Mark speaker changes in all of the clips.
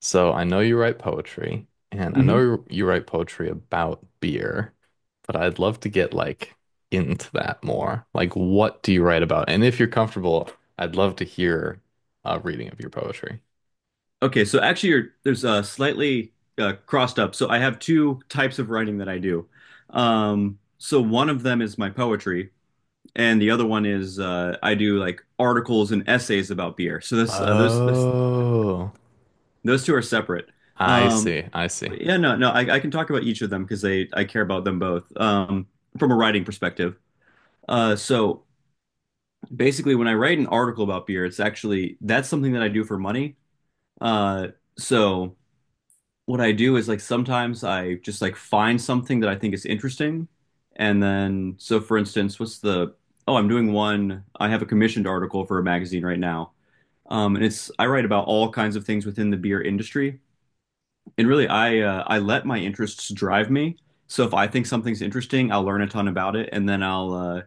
Speaker 1: So I know you write poetry, and I know
Speaker 2: hmm
Speaker 1: you write poetry about beer, but I'd love to get into that more. Like, what do you write about? And if you're comfortable, I'd love to hear a reading of your poetry.
Speaker 2: Okay, so actually, there's slightly crossed up. So I have two types of writing that I do. So one of them is my poetry, and the other one is I do like articles and essays about beer. So
Speaker 1: Oh,
Speaker 2: those two are separate.
Speaker 1: I
Speaker 2: Um,
Speaker 1: see. I see.
Speaker 2: but yeah, no, no, I can talk about each of them because they I care about them both, from a writing perspective. So basically, when I write an article about beer, it's actually that's something that I do for money. Uh, so. What I do is like sometimes I just like find something that I think is interesting. And then, so for instance, I'm doing one, I have a commissioned article for a magazine right now. And I write about all kinds of things within the beer industry. And really, I let my interests drive me. So if I think something's interesting, I'll learn a ton about it. And then I'll,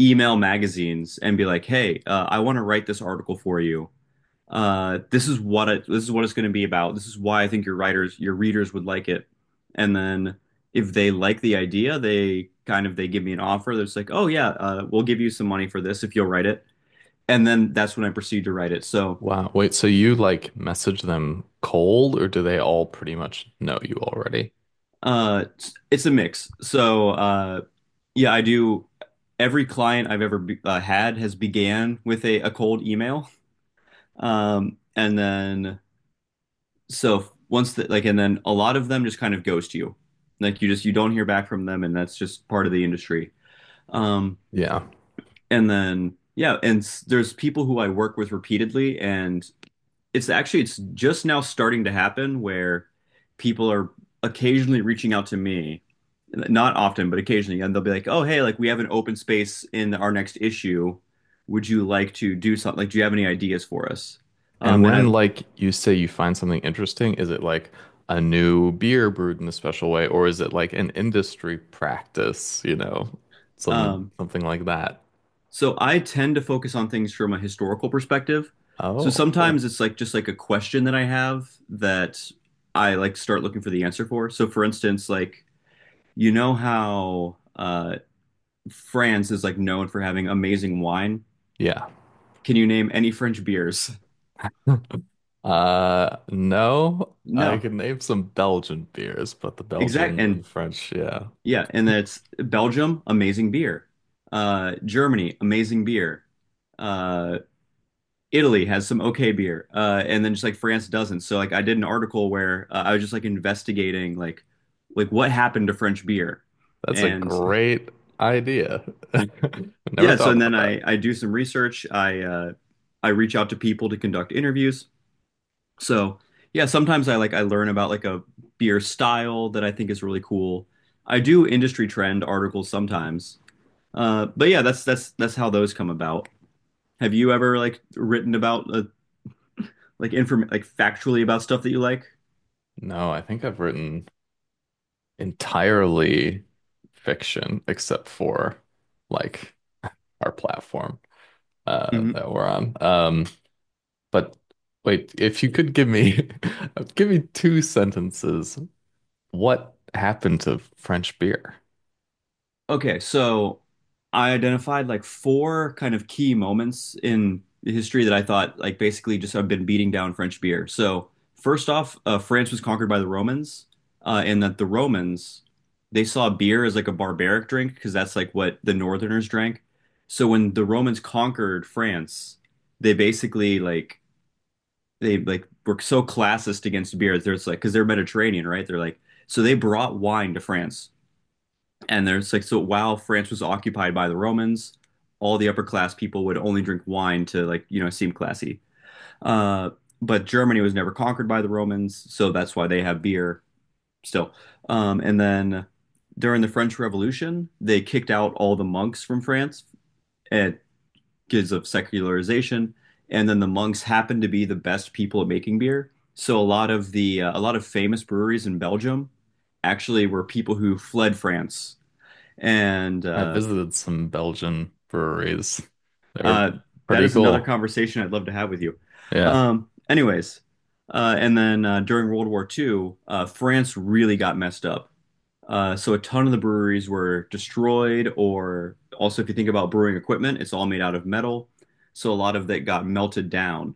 Speaker 2: email magazines and be like, hey, I want to write this article for you, this is what it's going to be about. This is why I think your readers would like it. And then if they like the idea, they kind of they give me an offer. They're like, oh yeah, we'll give you some money for this if you'll write it. And then that's when I proceed to write it. So
Speaker 1: Wow. Wait, so you like message them cold, or do they all pretty much know you already?
Speaker 2: it's a mix. So yeah, I do. Every client I've ever had has began with a cold email, and then so once that like and then a lot of them just kind of ghost you. Like you don't hear back from them, and that's just part of the industry. um
Speaker 1: Yeah.
Speaker 2: and then yeah, and there's people who I work with repeatedly, and it's just now starting to happen where people are occasionally reaching out to me, not often but occasionally, and they'll be like, oh hey, like we have an open space in our next issue. Would you like to do something? Like, do you have any ideas for us?
Speaker 1: And
Speaker 2: And I
Speaker 1: when, like, you say you find something interesting, is it like a new beer brewed in a special way, or is it like an industry practice, you know,
Speaker 2: um
Speaker 1: something like that?
Speaker 2: So I tend to focus on things from a historical perspective. So
Speaker 1: Oh,
Speaker 2: sometimes
Speaker 1: cool.
Speaker 2: it's like just like a question that I have that I like start looking for the answer for. So for instance, like you know how France is like known for having amazing wine.
Speaker 1: Yeah.
Speaker 2: Can you name any French beers?
Speaker 1: No, I
Speaker 2: No.
Speaker 1: can name some Belgian beers, but the
Speaker 2: Exact
Speaker 1: Belgian
Speaker 2: and
Speaker 1: and French, yeah.
Speaker 2: Yeah, and that's Belgium, amazing beer. Germany, amazing beer. Uh, Italy has some okay beer, and then just like France doesn't. So like I did an article where, I was just like investigating, like what happened to French beer,
Speaker 1: That's a
Speaker 2: and
Speaker 1: great idea. Never
Speaker 2: yeah. So
Speaker 1: thought
Speaker 2: and then
Speaker 1: about that.
Speaker 2: I do some research. I reach out to people to conduct interviews. So yeah, sometimes I learn about like a beer style that I think is really cool. I do industry trend articles sometimes, but yeah, that's how those come about. Have you ever like written about, like inform like factually about stuff that you like?
Speaker 1: No, I think I've written entirely fiction except for like our platform that we're on. But wait, if you could give me give me two sentences, what happened to French beer?
Speaker 2: Okay, so I identified like 4 kind of key moments in history that I thought like basically just have been beating down French beer. So first off, France was conquered by the Romans, and that the Romans, they saw beer as like a barbaric drink because that's like what the Northerners drank. So when the Romans conquered France, they basically like they like were so classist against beer. There's like because they're Mediterranean, right? They're like So they brought wine to France. And there's like, so while France was occupied by the Romans, all the upper class people would only drink wine to like, you know, seem classy. Uh, but Germany was never conquered by the Romans, so that's why they have beer still. And then during the French Revolution, they kicked out all the monks from France, at because of secularization. And then the monks happened to be the best people at making beer. So a lot of famous breweries in Belgium actually were people who fled France and
Speaker 1: I visited some Belgian breweries. They're
Speaker 2: uh, that
Speaker 1: pretty
Speaker 2: is another
Speaker 1: cool.
Speaker 2: conversation I'd love to have with you.
Speaker 1: Yeah.
Speaker 2: Anyways, and then during World War II, France really got messed up. So a ton of the breweries were destroyed, or also if you think about brewing equipment, it's all made out of metal. So a lot of that got melted down,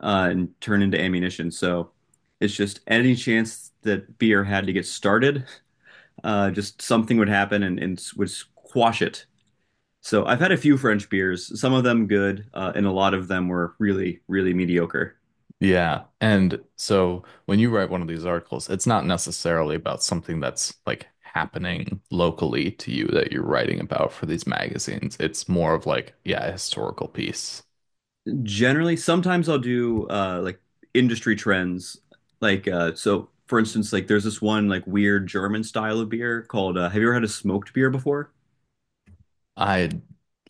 Speaker 2: and turned into ammunition. So it's just any chance that beer had to get started, just something would happen and, would squash it. So I've had a few French beers, some of them good, and a lot of them were really, really mediocre.
Speaker 1: Yeah. And so when you write one of these articles, it's not necessarily about something that's like happening locally to you that you're writing about for these magazines. It's more of like, yeah, a historical piece.
Speaker 2: Generally, sometimes I'll do, industry trends, like, For instance, like there's this one like weird German style of beer called. Have you ever had a smoked beer before?
Speaker 1: I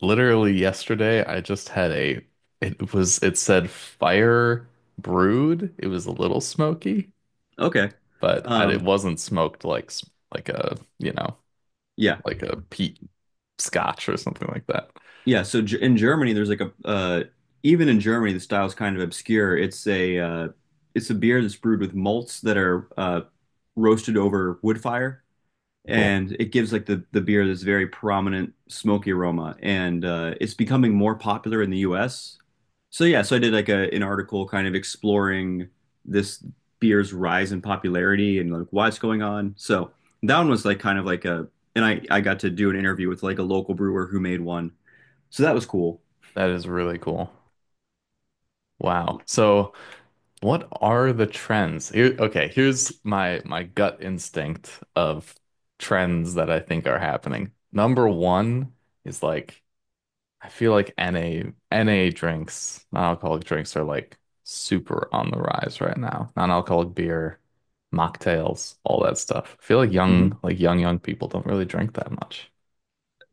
Speaker 1: literally yesterday I just had a it said fire brewed. It was a little smoky,
Speaker 2: Okay.
Speaker 1: but it
Speaker 2: Um,
Speaker 1: wasn't smoked like a, you know,
Speaker 2: yeah.
Speaker 1: like a peat scotch or something like that.
Speaker 2: Yeah. So G in Germany, there's like a, even in Germany, the style's kind of obscure. It's a beer that's brewed with malts that are, roasted over wood fire.
Speaker 1: Cool.
Speaker 2: And it gives like the beer this very prominent smoky aroma, and it's becoming more popular in the U.S. So yeah, so I did like a an article kind of exploring this beer's rise in popularity and like why it's going on. So that one was like kind of like a, and I got to do an interview with like a local brewer who made one, so that was cool.
Speaker 1: That is really cool. Wow. So, what are the trends? Here, okay, here's my gut instinct of trends that I think are happening. Number one is like I feel like NA drinks, non-alcoholic drinks are like super on the rise right now. Non-alcoholic beer, mocktails, all that stuff. I feel like
Speaker 2: Mhm.
Speaker 1: young young people don't really drink that much.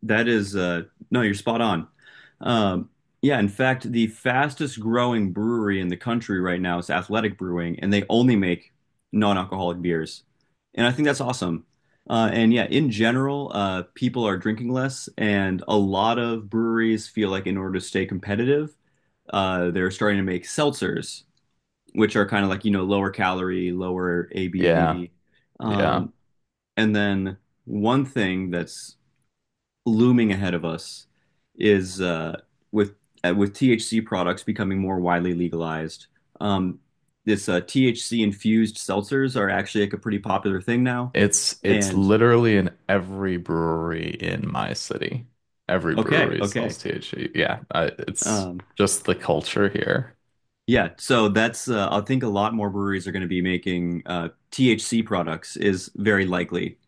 Speaker 2: That is, no, you're spot on. Um, yeah, in fact, the fastest growing brewery in the country right now is Athletic Brewing, and they only make non-alcoholic beers. And I think that's awesome. And yeah, in general, people are drinking less, and a lot of breweries feel like in order to stay competitive, they're starting to make seltzers, which are kind of like, you know, lower calorie, lower
Speaker 1: Yeah.
Speaker 2: ABV.
Speaker 1: Yeah.
Speaker 2: Um, and then one thing that's looming ahead of us is, with with THC products becoming more widely legalized. Um, this THC infused seltzers are actually like a pretty popular thing now.
Speaker 1: It's
Speaker 2: And
Speaker 1: literally in every brewery in my city. Every
Speaker 2: okay,
Speaker 1: brewery sells
Speaker 2: okay,
Speaker 1: THC. Yeah, it's
Speaker 2: um,
Speaker 1: just the culture here.
Speaker 2: yeah. So that's, I think a lot more breweries are going to be making, THC products is very likely.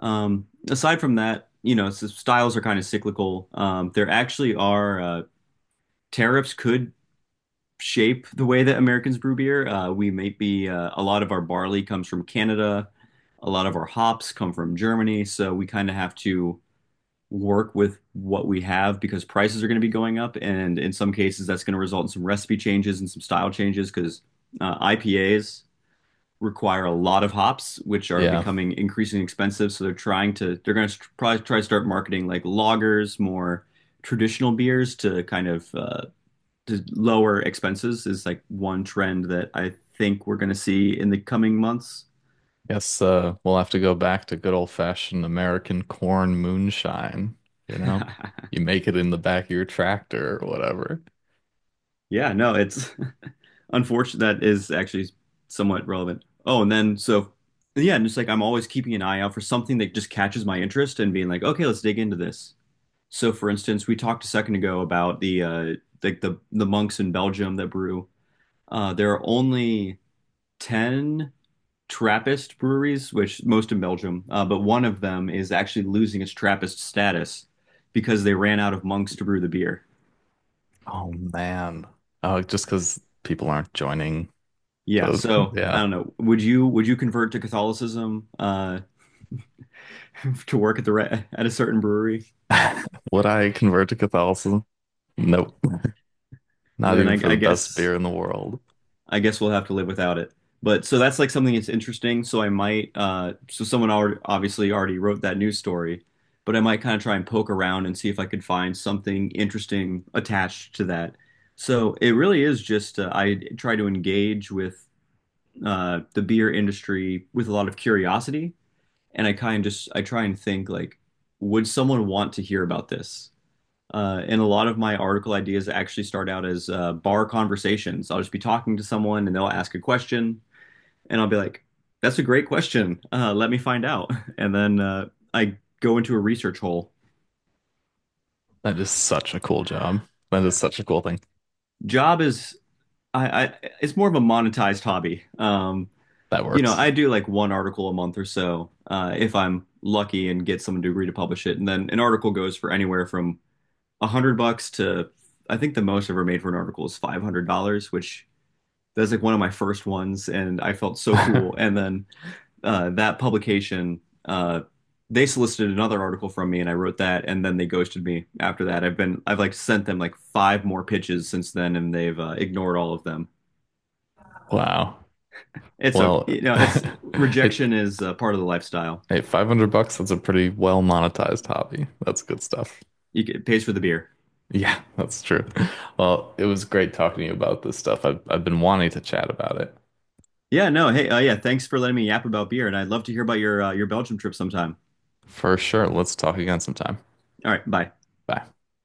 Speaker 2: Aside from that, you know, styles are kind of cyclical. There actually are, tariffs could shape the way that Americans brew beer. We may be A lot of our barley comes from Canada, a lot of our hops come from Germany, so we kind of have to work with what we have because prices are going to be going up, and in some cases that's going to result in some recipe changes and some style changes because, IPAs require a lot of hops, which are
Speaker 1: Yeah.
Speaker 2: becoming increasingly expensive. So they're going to probably try to start marketing like lagers, more traditional beers, to kind of, the lower expenses is like one trend that I think we're going to see in the coming months.
Speaker 1: Guess we'll have to go back to good old-fashioned American corn moonshine, you know? You make it in the back of your tractor or whatever.
Speaker 2: Yeah, no, it's unfortunate that is actually somewhat relevant. Oh, and then so yeah, and just like I'm always keeping an eye out for something that just catches my interest and being like, okay, let's dig into this. So for instance, we talked a second ago about the the monks in Belgium that brew. There are only 10 Trappist breweries, which most in Belgium, but one of them is actually losing its Trappist status because they ran out of monks to brew the beer.
Speaker 1: Oh man. Oh, just because people aren't joining
Speaker 2: Yeah,
Speaker 1: the
Speaker 2: so I
Speaker 1: yeah.
Speaker 2: don't know. Would you convert to Catholicism, to work at a certain brewery?
Speaker 1: Would I convert to Catholicism? Nope. Not
Speaker 2: Then
Speaker 1: even for the
Speaker 2: I
Speaker 1: best
Speaker 2: guess
Speaker 1: beer in the world.
Speaker 2: we'll have to live without it. But so that's like something that's interesting. So I might, so someone already, obviously already wrote that news story, but I might kind of try and poke around and see if I could find something interesting attached to that. So it really is just, I try to engage with, the beer industry with a lot of curiosity. And I kind of just, I try and think like, would someone want to hear about this? And a lot of my article ideas actually start out as, bar conversations. I'll just be talking to someone and they'll ask a question, and I'll be like, "That's a great question. Let me find out." And then I go into a research hole.
Speaker 1: That is such a cool job. That is such a cool thing.
Speaker 2: Job is I it's more of a monetized hobby.
Speaker 1: That
Speaker 2: You know,
Speaker 1: works.
Speaker 2: I do like 1 article a month or so, if I'm lucky and get someone to agree to publish it. And then an article goes for anywhere from 100 bucks to, I think the most I've ever made for an article is $500, which that was like one of my first ones, and I felt so cool. And then uh, that publication, uh, they solicited another article from me, and I wrote that. And then they ghosted me after that. I've like sent them like 5 more pitches since then, and they've, ignored all of them.
Speaker 1: Wow.
Speaker 2: It's okay,
Speaker 1: Well,
Speaker 2: you know, it's
Speaker 1: it
Speaker 2: rejection is, part of the lifestyle.
Speaker 1: hey, 500 bucks, that's a pretty well monetized hobby. That's good stuff.
Speaker 2: It pays for the beer.
Speaker 1: Yeah, that's true. Well, it was great talking to you about this stuff. I've been wanting to chat about it.
Speaker 2: Yeah, no, hey, yeah, thanks for letting me yap about beer, and I'd love to hear about your, your Belgium trip sometime.
Speaker 1: For sure. Let's talk again sometime.
Speaker 2: All right, bye.
Speaker 1: Bye.